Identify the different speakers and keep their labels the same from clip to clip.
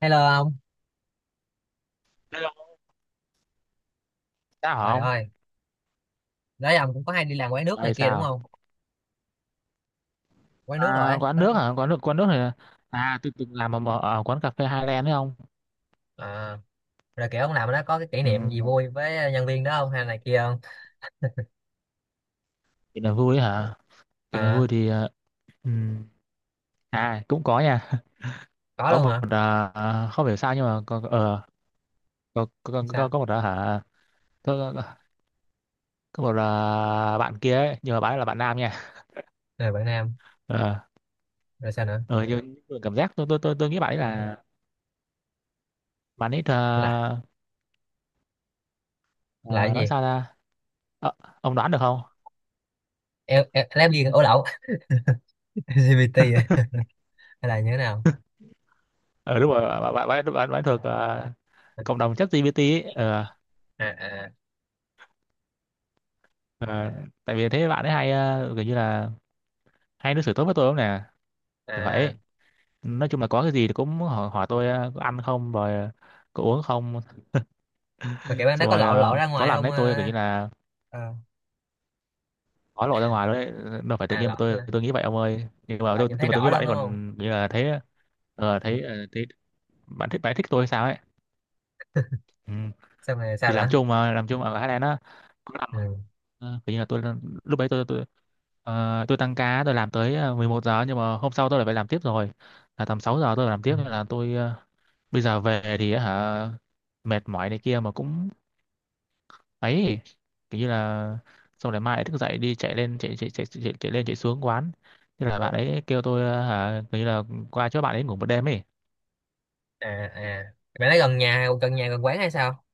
Speaker 1: Hello ông,
Speaker 2: Đây là sao hả
Speaker 1: trời
Speaker 2: ông?
Speaker 1: ơi, đấy ông cũng có hay đi làm quán nước này
Speaker 2: Ơi
Speaker 1: kia đúng
Speaker 2: sao?
Speaker 1: không? Quán nước rồi
Speaker 2: À,
Speaker 1: ấy.
Speaker 2: quán nước hả? Quán nước này tôi từng làm ở, quán cà phê Highland đấy không?
Speaker 1: À, rồi kiểu ông làm ở đó có cái kỷ
Speaker 2: Ừ,
Speaker 1: niệm gì vui với nhân viên đó không hay này kia không?
Speaker 2: cái này vui ấy hả? Cái này
Speaker 1: À,
Speaker 2: vui thì ừ. À cũng có nha.
Speaker 1: có
Speaker 2: Có
Speaker 1: luôn
Speaker 2: một
Speaker 1: hả?
Speaker 2: không hiểu sao nhưng mà có
Speaker 1: Sao?
Speaker 2: có một hả? Có, có, có một bạn kia ấy, nhưng mà bạn ấy là bạn nam nha.
Speaker 1: Rồi bạn Nam,
Speaker 2: Ờ
Speaker 1: rồi sao nữa?
Speaker 2: ờ nhưng mà cảm giác tôi nghĩ bạn ấy là bạn ấy
Speaker 1: Là là cái
Speaker 2: ờ, nói
Speaker 1: gì?
Speaker 2: sao ra? Ờ, ông đoán được không?
Speaker 1: Em làm gì ổ lậu LGBT à? Hay là như thế nào?
Speaker 2: Ờ Đúng rồi thuộc cộng đồng chat GPT ấy
Speaker 1: À à
Speaker 2: ờ, tại vì thế bạn ấy hay kiểu như là hay đối xử tốt với tôi lắm nè, kiểu
Speaker 1: à,
Speaker 2: vậy. Nói chung là có cái gì thì cũng hỏi tôi có ăn không, rồi có uống không.
Speaker 1: mà kiểu bạn đó
Speaker 2: Xong
Speaker 1: có
Speaker 2: rồi
Speaker 1: lộ lộ ra
Speaker 2: có
Speaker 1: ngoài
Speaker 2: lần
Speaker 1: không?
Speaker 2: đấy tôi kiểu
Speaker 1: À,
Speaker 2: như là
Speaker 1: à,
Speaker 2: có lộ ra ngoài đấy. Đâu phải tự
Speaker 1: à
Speaker 2: nhiên
Speaker 1: lộ
Speaker 2: mà tôi nghĩ vậy ông ơi, nhưng mà
Speaker 1: là nhìn
Speaker 2: tôi
Speaker 1: thấy
Speaker 2: mà tôi
Speaker 1: rõ
Speaker 2: nghĩ bạn
Speaker 1: luôn
Speaker 2: ấy
Speaker 1: đúng không?
Speaker 2: còn kiểu như là thấy
Speaker 1: Ừ.
Speaker 2: thấy thấy bạn thích, bạn ấy thích tôi hay sao ấy. Ừ.
Speaker 1: Xong rồi sao
Speaker 2: Thì làm
Speaker 1: nữa?
Speaker 2: chung, mà làm chung ở thái lan á, có làm
Speaker 1: Ừ.
Speaker 2: kiểu như là tôi lúc đấy tôi tôi tăng ca, tôi làm tới 11 giờ nhưng mà hôm sau tôi lại phải làm tiếp rồi, là tầm 6 giờ tôi phải làm
Speaker 1: Ừ.
Speaker 2: tiếp, nên là tôi bây giờ về thì á hả, mệt mỏi này kia mà cũng ấy, kiểu như là xong rồi mai lại thức dậy đi chạy lên chạy chạy chạy chạy, chạy lên chạy xuống quán. Thế là
Speaker 1: Ờ,
Speaker 2: bạn ấy kêu tôi hả, kiểu như là qua chỗ bạn ấy ngủ một đêm ấy.
Speaker 1: À à, bạn ấy gần nhà gần quán hay sao?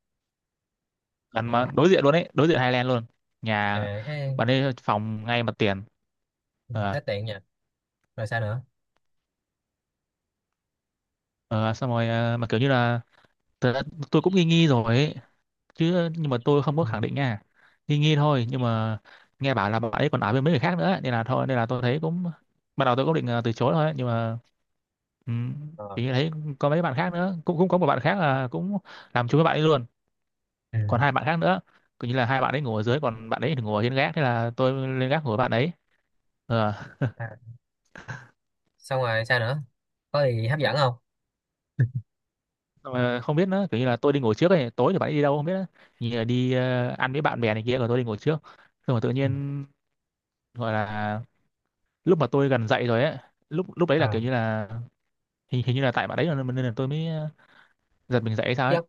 Speaker 2: Gần mà đối diện luôn ấy, đối diện Highland luôn, nhà
Speaker 1: À,
Speaker 2: bạn ấy phòng ngay mặt tiền. Ờ.
Speaker 1: hết điện nha, rồi sao nữa.
Speaker 2: Ờ, xong rồi mà kiểu như là thật ra tôi cũng nghi nghi rồi ấy chứ, nhưng mà tôi không có
Speaker 1: Ừ.
Speaker 2: khẳng định nha, nghi nghi thôi. Nhưng mà nghe bảo là bạn ấy còn nói với mấy người khác nữa ấy, nên là thôi, nên là tôi thấy cũng ban đầu tôi cũng định từ chối thôi ấy. Nhưng mà um,
Speaker 1: Ờ.
Speaker 2: thì thấy có mấy bạn khác nữa, cũng cũng có một bạn khác là cũng làm chung với bạn ấy luôn,
Speaker 1: Ừ.
Speaker 2: còn hai bạn khác nữa, kiểu như là hai bạn ấy ngồi ở dưới còn bạn ấy thì ngồi ở trên gác, thế là tôi lên gác ngồi với bạn ấy. ờ
Speaker 1: À, xong rồi sao nữa, có gì hấp dẫn không.
Speaker 2: Xong rồi không biết nữa, kiểu như là tôi đi ngồi trước ấy, tối thì bạn ấy đi đâu không biết nữa, như là đi ăn với bạn bè này kia, rồi tôi đi ngồi trước. Xong rồi tự
Speaker 1: Ừ.
Speaker 2: nhiên gọi là lúc mà tôi gần dậy rồi ấy, lúc lúc đấy là kiểu
Speaker 1: À,
Speaker 2: như là hình hình như là tại bạn đấy là- nên là tôi mới giật mình dậy hay sao ấy.
Speaker 1: chắc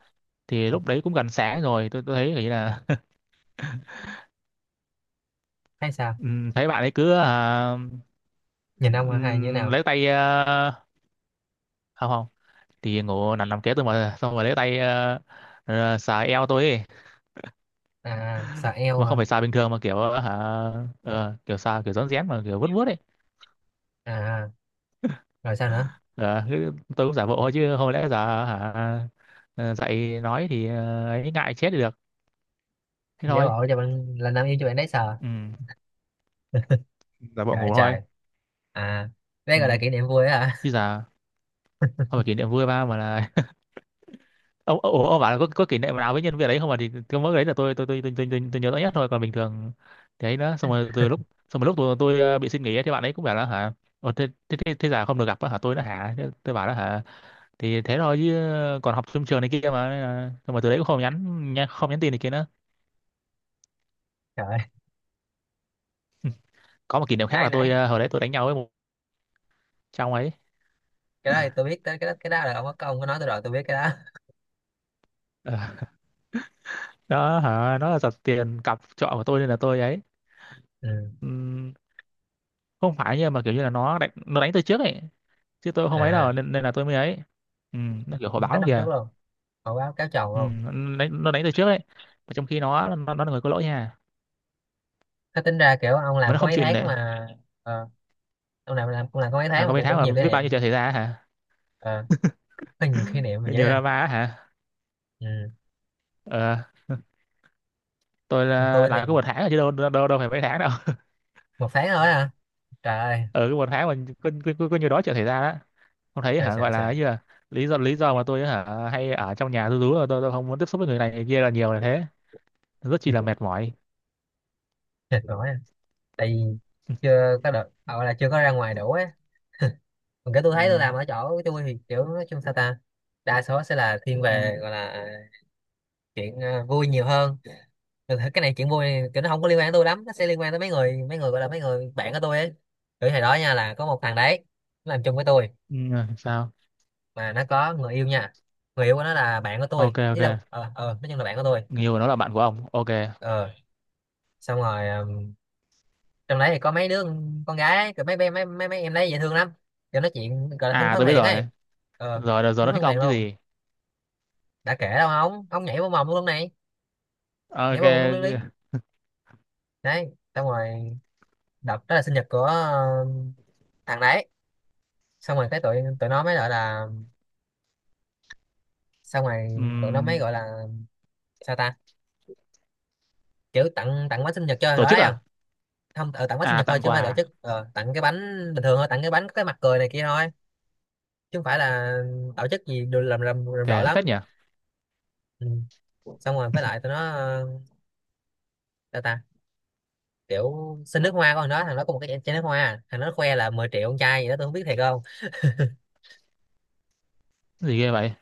Speaker 2: Thì
Speaker 1: ờ,
Speaker 2: lúc đấy cũng gần sáng rồi, tôi thấy kiểu như là
Speaker 1: hay sao,
Speaker 2: thấy bạn ấy cứ
Speaker 1: nhìn ông hay như thế nào.
Speaker 2: lấy tay không không, thì ngủ nằm nằm kế tôi, mà xong rồi lấy tay xà eo tôi ấy,
Speaker 1: À sờ eo
Speaker 2: mà không
Speaker 1: hả,
Speaker 2: phải xà bình thường mà kiểu hả kiểu xà kiểu rón rén mà kiểu vuốt vuốt ấy.
Speaker 1: à rồi sao nữa.
Speaker 2: Ờ, thế tôi cũng giả bộ thôi, chứ không lẽ giờ hả ờ, dậy nói thì ấy ngại chết thì được, thế
Speaker 1: Giả
Speaker 2: thôi.
Speaker 1: bộ cho bạn là nam yêu cho bạn đấy sờ.
Speaker 2: Ừ, giả bộ
Speaker 1: Trời
Speaker 2: ngủ thôi.
Speaker 1: trời, à đây gọi là kỷ
Speaker 2: Ừ,
Speaker 1: niệm vui á hả.
Speaker 2: chứ giờ không phải kỷ niệm vui ba mà là ông ông bảo là có kỷ niệm nào với nhân viên đấy không, mà thì cái mỗi cái đấy là tôi nhớ rõ nhất thôi, còn bình thường thì ấy nữa. Xong rồi từ lúc xong rồi lúc tôi bị xin nghỉ ấy, thì bạn ấy cũng bảo là hả Ồ, thế giờ không được gặp á hả tôi đó hả. Thế tôi bảo đó hả, thì thế thôi chứ, còn học trong trường này kia mà. Nên là- xong rồi từ đấy cũng không nhắn, nhắn- không nhắn tin này kia nữa.
Speaker 1: Trời.
Speaker 2: Có một kỷ niệm khác
Speaker 1: Nãy
Speaker 2: là tôi
Speaker 1: nãy
Speaker 2: hồi đấy tôi đánh nhau với một trong ấy.
Speaker 1: cái đó thì tôi biết, tới cái đó, cái đó là ông có nói tôi rồi, tôi biết cái đó.
Speaker 2: Ờ, đó hả, nó là giật tiền cặp trọ của tôi nên là tôi ấy.
Speaker 1: Ừ.
Speaker 2: Ừ, không phải, nhưng mà kiểu như là nó đánh từ trước ấy, chứ tôi không ấy
Speaker 1: À
Speaker 2: đâu, nên, là tôi mới ấy. Ừ, nó kiểu hồi báo
Speaker 1: đánh
Speaker 2: luôn
Speaker 1: năm trước
Speaker 2: kìa.
Speaker 1: luôn, hồi báo cáo chồng
Speaker 2: Ừ,
Speaker 1: luôn.
Speaker 2: nó đánh từ trước ấy, mà trong khi nó là người có lỗi nha,
Speaker 1: Thế tính ra kiểu ông
Speaker 2: mà
Speaker 1: làm
Speaker 2: nó
Speaker 1: có
Speaker 2: không
Speaker 1: mấy
Speaker 2: chịu
Speaker 1: tháng
Speaker 2: nể.
Speaker 1: mà. ờ, ông làm cũng làm có mấy
Speaker 2: À
Speaker 1: tháng mà
Speaker 2: có mấy
Speaker 1: kiểu
Speaker 2: tháng
Speaker 1: cũng
Speaker 2: mà
Speaker 1: nhiều kỷ
Speaker 2: biết
Speaker 1: niệm.
Speaker 2: bao nhiêu chuyện xảy ra hả,
Speaker 1: À, có nhiều kỷ niệm mà dữ
Speaker 2: nhiều
Speaker 1: à.
Speaker 2: drama á hả.
Speaker 1: Ừ.
Speaker 2: ờ, tôi là
Speaker 1: Tôi thì
Speaker 2: làm có một tháng rồi chứ đâu đâu, đâu đâu phải mấy tháng đâu.
Speaker 1: một tháng thôi à, trời ơi
Speaker 2: Ở cái một tháng mà có nhiều đó chuyện xảy ra đó, không thấy
Speaker 1: trời
Speaker 2: hả,
Speaker 1: trời
Speaker 2: gọi là ấy
Speaker 1: trời.
Speaker 2: như là lý do, mà tôi hả hay ở trong nhà tôi rú là tôi không muốn tiếp xúc với người này người kia là nhiều là thế, rất chi là mệt mỏi.
Speaker 1: Mệt mỏi à. Tại vì chưa có được gọi là chưa có ra ngoài đủ á, còn cái tôi thấy tôi làm
Speaker 2: Ừ,
Speaker 1: ở chỗ của tôi thì kiểu nói chung sao ta, đa số sẽ là thiên
Speaker 2: ừ,
Speaker 1: về gọi là chuyện vui nhiều hơn. Thực ra cái này chuyện vui này, kiểu nó không có liên quan tới tôi lắm, nó sẽ liên quan tới mấy người gọi là mấy người bạn của tôi ấy. Kiểu hồi đó nha là có một thằng đấy nó làm chung với tôi
Speaker 2: ừ, sao.
Speaker 1: mà nó có người yêu nha, người yêu của nó là bạn của tôi,
Speaker 2: Ok,
Speaker 1: ý
Speaker 2: ok,
Speaker 1: là nói chung là bạn của tôi.
Speaker 2: người yêu của nó là bạn của ông, ok.
Speaker 1: Ờ xong rồi trong đấy thì có mấy đứa con gái ấy, kiểu mấy bé mấy mấy mấy em đấy dễ thương lắm, kiểu nói chuyện gọi là thân
Speaker 2: À
Speaker 1: thân
Speaker 2: tôi biết
Speaker 1: thiện
Speaker 2: rồi,
Speaker 1: ấy. Ờ,
Speaker 2: rồi nó
Speaker 1: đúng
Speaker 2: thích
Speaker 1: thân thiện
Speaker 2: ông chứ
Speaker 1: luôn.
Speaker 2: gì.
Speaker 1: Đã kể đâu ông nhảy vào mồm luôn này, nhảy
Speaker 2: Ok.
Speaker 1: vào mồm luôn đi. Đấy xong rồi, đợt đó là sinh nhật của thằng đấy. Xong rồi cái tụi tụi nó mới gọi là, xong rồi tụi nó mới
Speaker 2: Ừm,
Speaker 1: gọi là sao ta, kiểu tặng tặng bánh sinh nhật cho thằng
Speaker 2: tổ
Speaker 1: đó
Speaker 2: chức
Speaker 1: đấy không.
Speaker 2: à.
Speaker 1: Không tặng bánh sinh
Speaker 2: À,
Speaker 1: nhật thôi
Speaker 2: tặng
Speaker 1: chứ không phải tổ
Speaker 2: quà.
Speaker 1: chức, tặng cái bánh bình thường thôi, tặng cái bánh có cái mặt cười này kia thôi, chứ không phải là tổ chức gì đồ làm rộ
Speaker 2: Ok
Speaker 1: lắm.
Speaker 2: phết nhỉ.
Speaker 1: Ừ. Xong rồi với lại tụi nó sao ta, kiểu xin nước hoa con đó, thằng đó có một cái chai nước hoa, thằng nó khoe là 10 triệu con trai gì đó, tôi không biết thiệt không.
Speaker 2: Cái gì ghê vậy.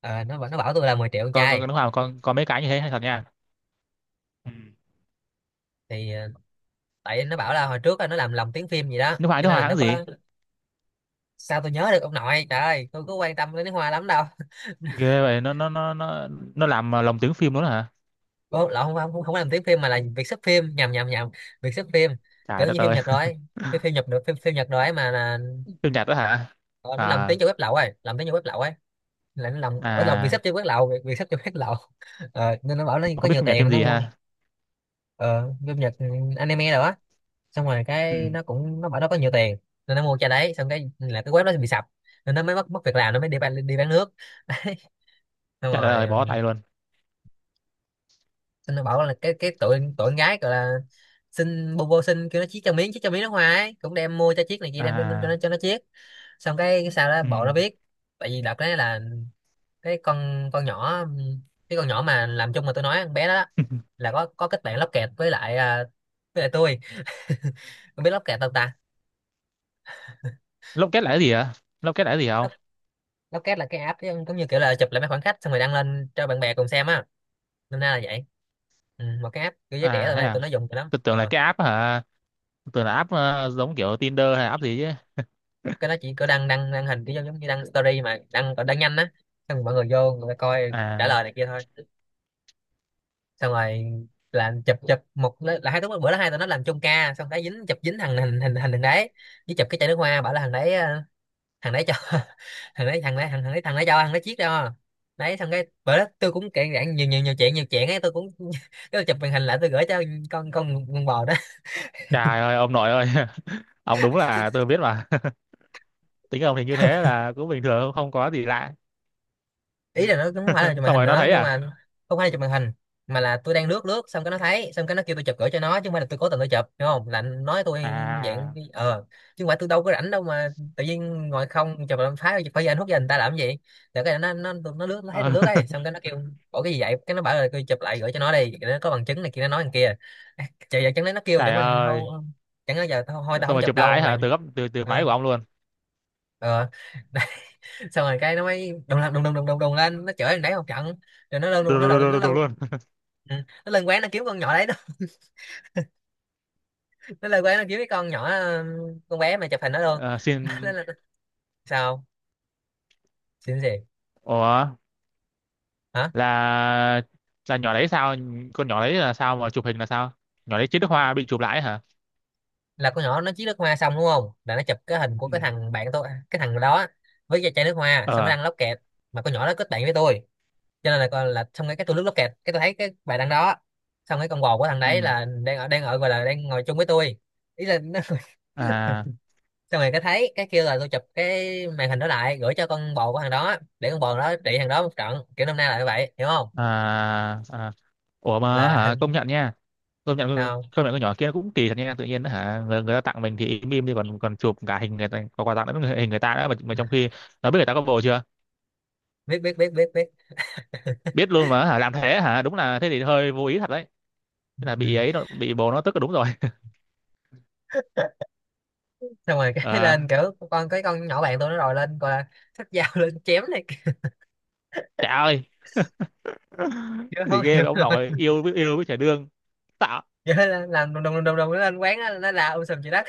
Speaker 1: Ờ, nó bảo tôi là 10 triệu con
Speaker 2: Có
Speaker 1: trai.
Speaker 2: nước hoa, có mấy cái như thế hay thật nha. Ừ.
Speaker 1: Thì tại nó bảo là hồi trước á, nó làm lồng tiếng phim gì đó
Speaker 2: Nước hoa,
Speaker 1: cho
Speaker 2: nước
Speaker 1: nên
Speaker 2: hoa
Speaker 1: là nó
Speaker 2: hãng gì.
Speaker 1: có. Sao tôi nhớ được ông nội, trời ơi tôi có quan tâm đến nước hoa lắm đâu.
Speaker 2: Ghê vậy, nó làm lồng tiếng phim luôn đó hả.
Speaker 1: Ủa, lộn, không, không làm tiếng phim mà là việc xếp phim, nhầm nhầm nhầm, việc xếp phim, kiểu
Speaker 2: Trời đất
Speaker 1: như phim
Speaker 2: ơi.
Speaker 1: Nhật rồi ấy. Phim phim Nhật được phim phim Nhật rồi ấy mà là
Speaker 2: Phim nhật đó hả.
Speaker 1: ờ, nó làm
Speaker 2: À
Speaker 1: tiếng cho web lậu, rồi làm tiếng cho web lậu ấy, là nó làm ở lòng vì
Speaker 2: à,
Speaker 1: sắp cho quán lậu vì sắp chơi quán lậu. Ờ, nên nó bảo nó có
Speaker 2: không biết
Speaker 1: nhiều
Speaker 2: phim nhật phim
Speaker 1: tiền nó
Speaker 2: gì
Speaker 1: mua.
Speaker 2: ha.
Speaker 1: Ờ, Phim Nhật, ừ, anime rồi á. Xong rồi
Speaker 2: Ừ.
Speaker 1: cái nó cũng nó bảo nó có nhiều tiền nên nó mua cho đấy, xong cái là cái web nó bị sập, nên nó mới mất mất việc làm, nó mới đi bán nước. Đấy xong
Speaker 2: Trời đất
Speaker 1: rồi,
Speaker 2: ơi
Speaker 1: ừ,
Speaker 2: bó tay luôn.
Speaker 1: xong nó bảo là cái tụi tụi con gái gọi là xin bô bô, xin kêu nó chiết cho miếng nước hoa ấy, cũng đem mua cho chiếc này kia, đem cho, cho nó
Speaker 2: À.
Speaker 1: cho nó chiết. Xong cái sao đó bộ nó
Speaker 2: Ừ.
Speaker 1: biết, tại vì đợt đấy là cái con nhỏ, cái con nhỏ mà làm chung mà tôi nói con bé đó là có kết bạn lóc kẹt với lại tôi, không biết lóc kẹt đâu ta.
Speaker 2: Lốc kết là cái gì hả? Lốc kết là cái gì không?
Speaker 1: Lóc lóc là cái app giống giống như kiểu là chụp lại mấy khoảnh khắc xong rồi đăng lên cho bạn bè cùng xem á, nên ra là vậy. Ừ, một cái app kiểu giới trẻ
Speaker 2: À
Speaker 1: hôm
Speaker 2: thế
Speaker 1: nay
Speaker 2: à,
Speaker 1: tôi nó dùng nhiều lắm
Speaker 2: tôi tưởng là cái app hả, tưởng là app giống kiểu Tinder hay app gì chứ.
Speaker 1: cái nó chỉ có đăng đăng đăng hình cái giống giống như đăng story mà đăng, còn đăng nhanh á, xong rồi mọi người vô người ta coi trả
Speaker 2: À
Speaker 1: lời này kia thôi. Xong rồi làm chụp chụp một, là hai đứa bữa đó hai tụi nó làm chung ca, xong cái dính chụp, dính thằng, hình hình hình thằng đấy với chụp cái chai nước hoa, bảo là thằng đấy à, thằng đấy cho. Thằng đấy thằng đấy thằng đấy cho thằng đấy chiếc đâu. Đấy xong cái bởi đó tôi cũng kể rạn nhiều nhiều nhiều chuyện ấy tôi cũng. Cái tôi chụp màn hình lại, tôi gửi cho con bò đó.
Speaker 2: trời ơi ông nội ơi. Ông đúng là tôi biết mà. Tính ông thì như thế là cũng bình thường, không có gì lạ.
Speaker 1: Ý là nó cũng không phải là chụp màn
Speaker 2: Xong
Speaker 1: hình
Speaker 2: rồi nó
Speaker 1: nữa
Speaker 2: thấy
Speaker 1: nhưng
Speaker 2: à.
Speaker 1: mà không phải là chụp màn hình, mà là tôi đang lướt lướt xong cái nó thấy, xong cái nó kêu tôi chụp gửi cho nó, chứ không phải là tôi cố tình tôi chụp, đúng không là nói tôi dạng
Speaker 2: À.
Speaker 1: chứ không phải tôi đâu có rảnh đâu mà tự nhiên ngồi không chụp làm phá phải giờ anh hút giờ người ta làm cái gì. Là cái nó lướt, nó thấy tôi
Speaker 2: ờ,
Speaker 1: lướt ấy, xong cái nó kêu bỏ cái gì vậy, cái nó bảo là tôi chụp lại gửi cho nó đi, nó có bằng chứng này kia, nó nói thằng kia à, trời giờ chẳng lẽ nó kêu chẳng
Speaker 2: Trời
Speaker 1: mình
Speaker 2: ơi.
Speaker 1: thôi, chẳng lẽ giờ thôi, thôi
Speaker 2: Xong
Speaker 1: tao không
Speaker 2: rồi
Speaker 1: chụp
Speaker 2: chụp
Speaker 1: đâu
Speaker 2: lại
Speaker 1: mày.
Speaker 2: hả, từ góc từ từ máy
Speaker 1: Ờ
Speaker 2: của ông luôn.
Speaker 1: ờ đấy. Xong rồi cái nó mới đùng đùng đùng đùng đùng đùng đùng lên, nó chửi thằng đấy một trận, rồi nó lên luôn,
Speaker 2: Đúng,
Speaker 1: nó
Speaker 2: đúng,
Speaker 1: đầu
Speaker 2: đúng,
Speaker 1: nó
Speaker 2: đúng
Speaker 1: lên.
Speaker 2: Đúng luôn.
Speaker 1: Ừ. Nó lên quán nó kiếm con nhỏ đấy nó, nó lên quán nó kiếm cái con nhỏ, ừ, con bé mà chụp hình nó luôn.
Speaker 2: Ờ,
Speaker 1: nó,
Speaker 2: xin,
Speaker 1: nó, sao, xin gì,
Speaker 2: ủa
Speaker 1: hả?
Speaker 2: là là nhỏ đấy sao? Con nhỏ đấy là sao mà chụp hình là sao? Nhỏ đấy chết nước hoa bị chụp lại hả.
Speaker 1: Là con nhỏ nó chiết nước hoa xong đúng không, là nó chụp cái hình của
Speaker 2: Ừ.
Speaker 1: cái thằng bạn tôi cái thằng đó với cái chai nước hoa, xong nó
Speaker 2: Ờ.
Speaker 1: đăng lóc kẹt, mà con nhỏ đó kết bạn với tôi, cho nên là con là xong cái tôi lướt lóc kẹt cái tôi thấy cái bài đăng đó. Xong cái con bồ của thằng
Speaker 2: Ừ.
Speaker 1: đấy là đang ở gọi là đang ngồi chung với tôi, ý là nó,
Speaker 2: À
Speaker 1: xong rồi cái thấy cái kêu là tôi chụp cái màn hình đó lại gửi cho con bồ của thằng đó, để con bồ đó trị thằng đó một trận, kiểu năm nay là như vậy hiểu không,
Speaker 2: à à. Ủa mà
Speaker 1: là
Speaker 2: hả,
Speaker 1: hình.
Speaker 2: công nhận nha.
Speaker 1: Tao
Speaker 2: Công nhận con nhỏ kia nó cũng kỳ thật nha, tự nhiên hả người ta tặng mình thì im im đi, còn còn chụp cả hình người ta có quà tặng lẫn hình người ta đó, mà trong khi nó biết người ta có bồ chưa,
Speaker 1: biết biết biết biết biết.
Speaker 2: biết luôn mà hả làm thế hả. Đúng là thế thì hơi vô ý thật đấy, thế là bị
Speaker 1: Ừ.
Speaker 2: ấy nó- bị bồ nó tức là đúng rồi.
Speaker 1: Xong rồi cái lên
Speaker 2: À,
Speaker 1: kiểu cái con nhỏ bạn tôi nó rồi lên gọi là xách dao lên chém này kia.
Speaker 2: trời ơi.
Speaker 1: Chứ
Speaker 2: Gì
Speaker 1: không
Speaker 2: ghê
Speaker 1: hiểu
Speaker 2: vậy ông
Speaker 1: rồi,
Speaker 2: nội, yêu với trẻ đương tạo.
Speaker 1: vậy là làm đùng đùng đùng đùng đùng, nó lên quán nó la sùm chị đất.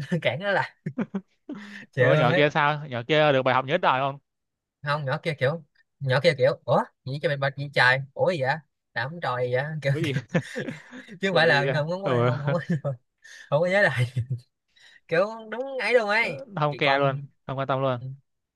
Speaker 1: Cản nó là chịu
Speaker 2: Rồi con
Speaker 1: luôn
Speaker 2: nhỏ
Speaker 1: ấy.
Speaker 2: kia sao, nhỏ kia được bài học nhớ đời không?
Speaker 1: Không nhỏ kia kiểu, nhỏ kia kiểu ủa gì cho mày bạch gì trời, ủa gì vậy, đảm tròi gì vậy. kiểu,
Speaker 2: Có gì,
Speaker 1: kiểu chứ không phải
Speaker 2: có
Speaker 1: là
Speaker 2: gì á?
Speaker 1: không không không
Speaker 2: Ừ.
Speaker 1: không, không, không, không có nhớ lại, kiểu đúng ấy luôn ấy.
Speaker 2: Không
Speaker 1: Chị
Speaker 2: care
Speaker 1: con.
Speaker 2: luôn, không quan tâm luôn.
Speaker 1: Ừ.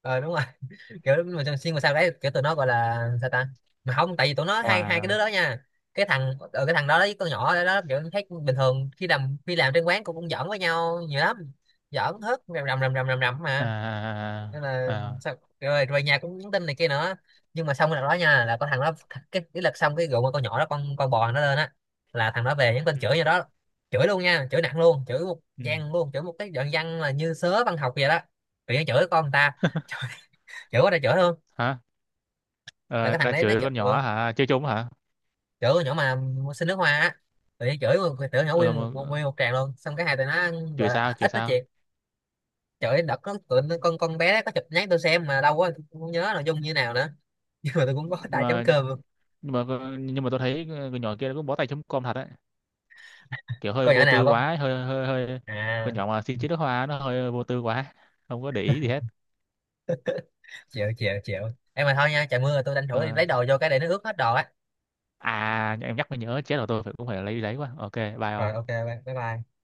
Speaker 1: Đúng rồi. Kiểu mà xuyên mà sao đấy, kiểu tụi nó gọi là sao ta, mà không tại vì tụi nó hai hai cái đứa
Speaker 2: Hòa.
Speaker 1: đó nha, cái thằng cái thằng đó với con nhỏ đó kiểu thấy bình thường, khi làm trên quán cũng cũng giỡn với nhau nhiều lắm, giỡn hết rầm rầm rầm rầm rầm rầm
Speaker 2: À,
Speaker 1: mà, nên là
Speaker 2: à. À, à.
Speaker 1: sao, rồi về nhà cũng nhắn tin này kia nữa. Nhưng mà xong cái đợt đó nha là có thằng đó cái lật xong cái rượu, mà con nhỏ đó con bò nó lên á, là thằng đó về nhắn tin
Speaker 2: Ừ.
Speaker 1: chửi như đó, chửi luôn nha, chửi nặng luôn, chửi một
Speaker 2: Ừ.
Speaker 1: gian luôn, chửi một cái đoạn văn là như sớ văn học vậy đó, tự nhiên chửi con người ta. Chửi, chửi quá trời chửi luôn.
Speaker 2: Hả.
Speaker 1: Là
Speaker 2: Ờ,
Speaker 1: cái thằng
Speaker 2: là
Speaker 1: đấy nó
Speaker 2: chửi
Speaker 1: chửi,
Speaker 2: con
Speaker 1: ừ,
Speaker 2: nhỏ hả? Chơi trốn hả?
Speaker 1: chửi con nhỏ mà xin nước hoa á, tự nhiên tự nhỏ nguyên
Speaker 2: Ờ mà
Speaker 1: một, nguyên một tràng luôn, xong cái hai tụi nó gọi
Speaker 2: chửi
Speaker 1: là
Speaker 2: sao? Chửi
Speaker 1: ít nói
Speaker 2: sao?
Speaker 1: chuyện. Chửi đợt nó con bé đó có chụp nhắn tôi xem mà đâu có, tôi không nhớ nội dung như nào nữa. Nhưng mà tôi cũng có
Speaker 2: Nhưng
Speaker 1: tay chấm
Speaker 2: mà
Speaker 1: cơm luôn,
Speaker 2: nhưng mà nhưng mà tôi thấy con nhỏ kia nó cũng bó tay chấm com thật đấy. Kiểu hơi
Speaker 1: còn nhỏ
Speaker 2: vô
Speaker 1: nào
Speaker 2: tư
Speaker 1: không
Speaker 2: quá, hơi hơi hơi. Con
Speaker 1: à,
Speaker 2: nhỏ mà xin chữ nước hoa nó hơi vô tư quá, không có để ý gì hết.
Speaker 1: chịu chịu chịu. Em mà thôi nha, trời mưa rồi tôi tranh thủ đi
Speaker 2: Ờ,
Speaker 1: lấy đồ vô cái để nó ướt hết đồ á,
Speaker 2: à em nhắc mới nhớ chết rồi, tôi phải cũng phải lấy quá. Ok, bye ông.
Speaker 1: rồi ok bye bye bye.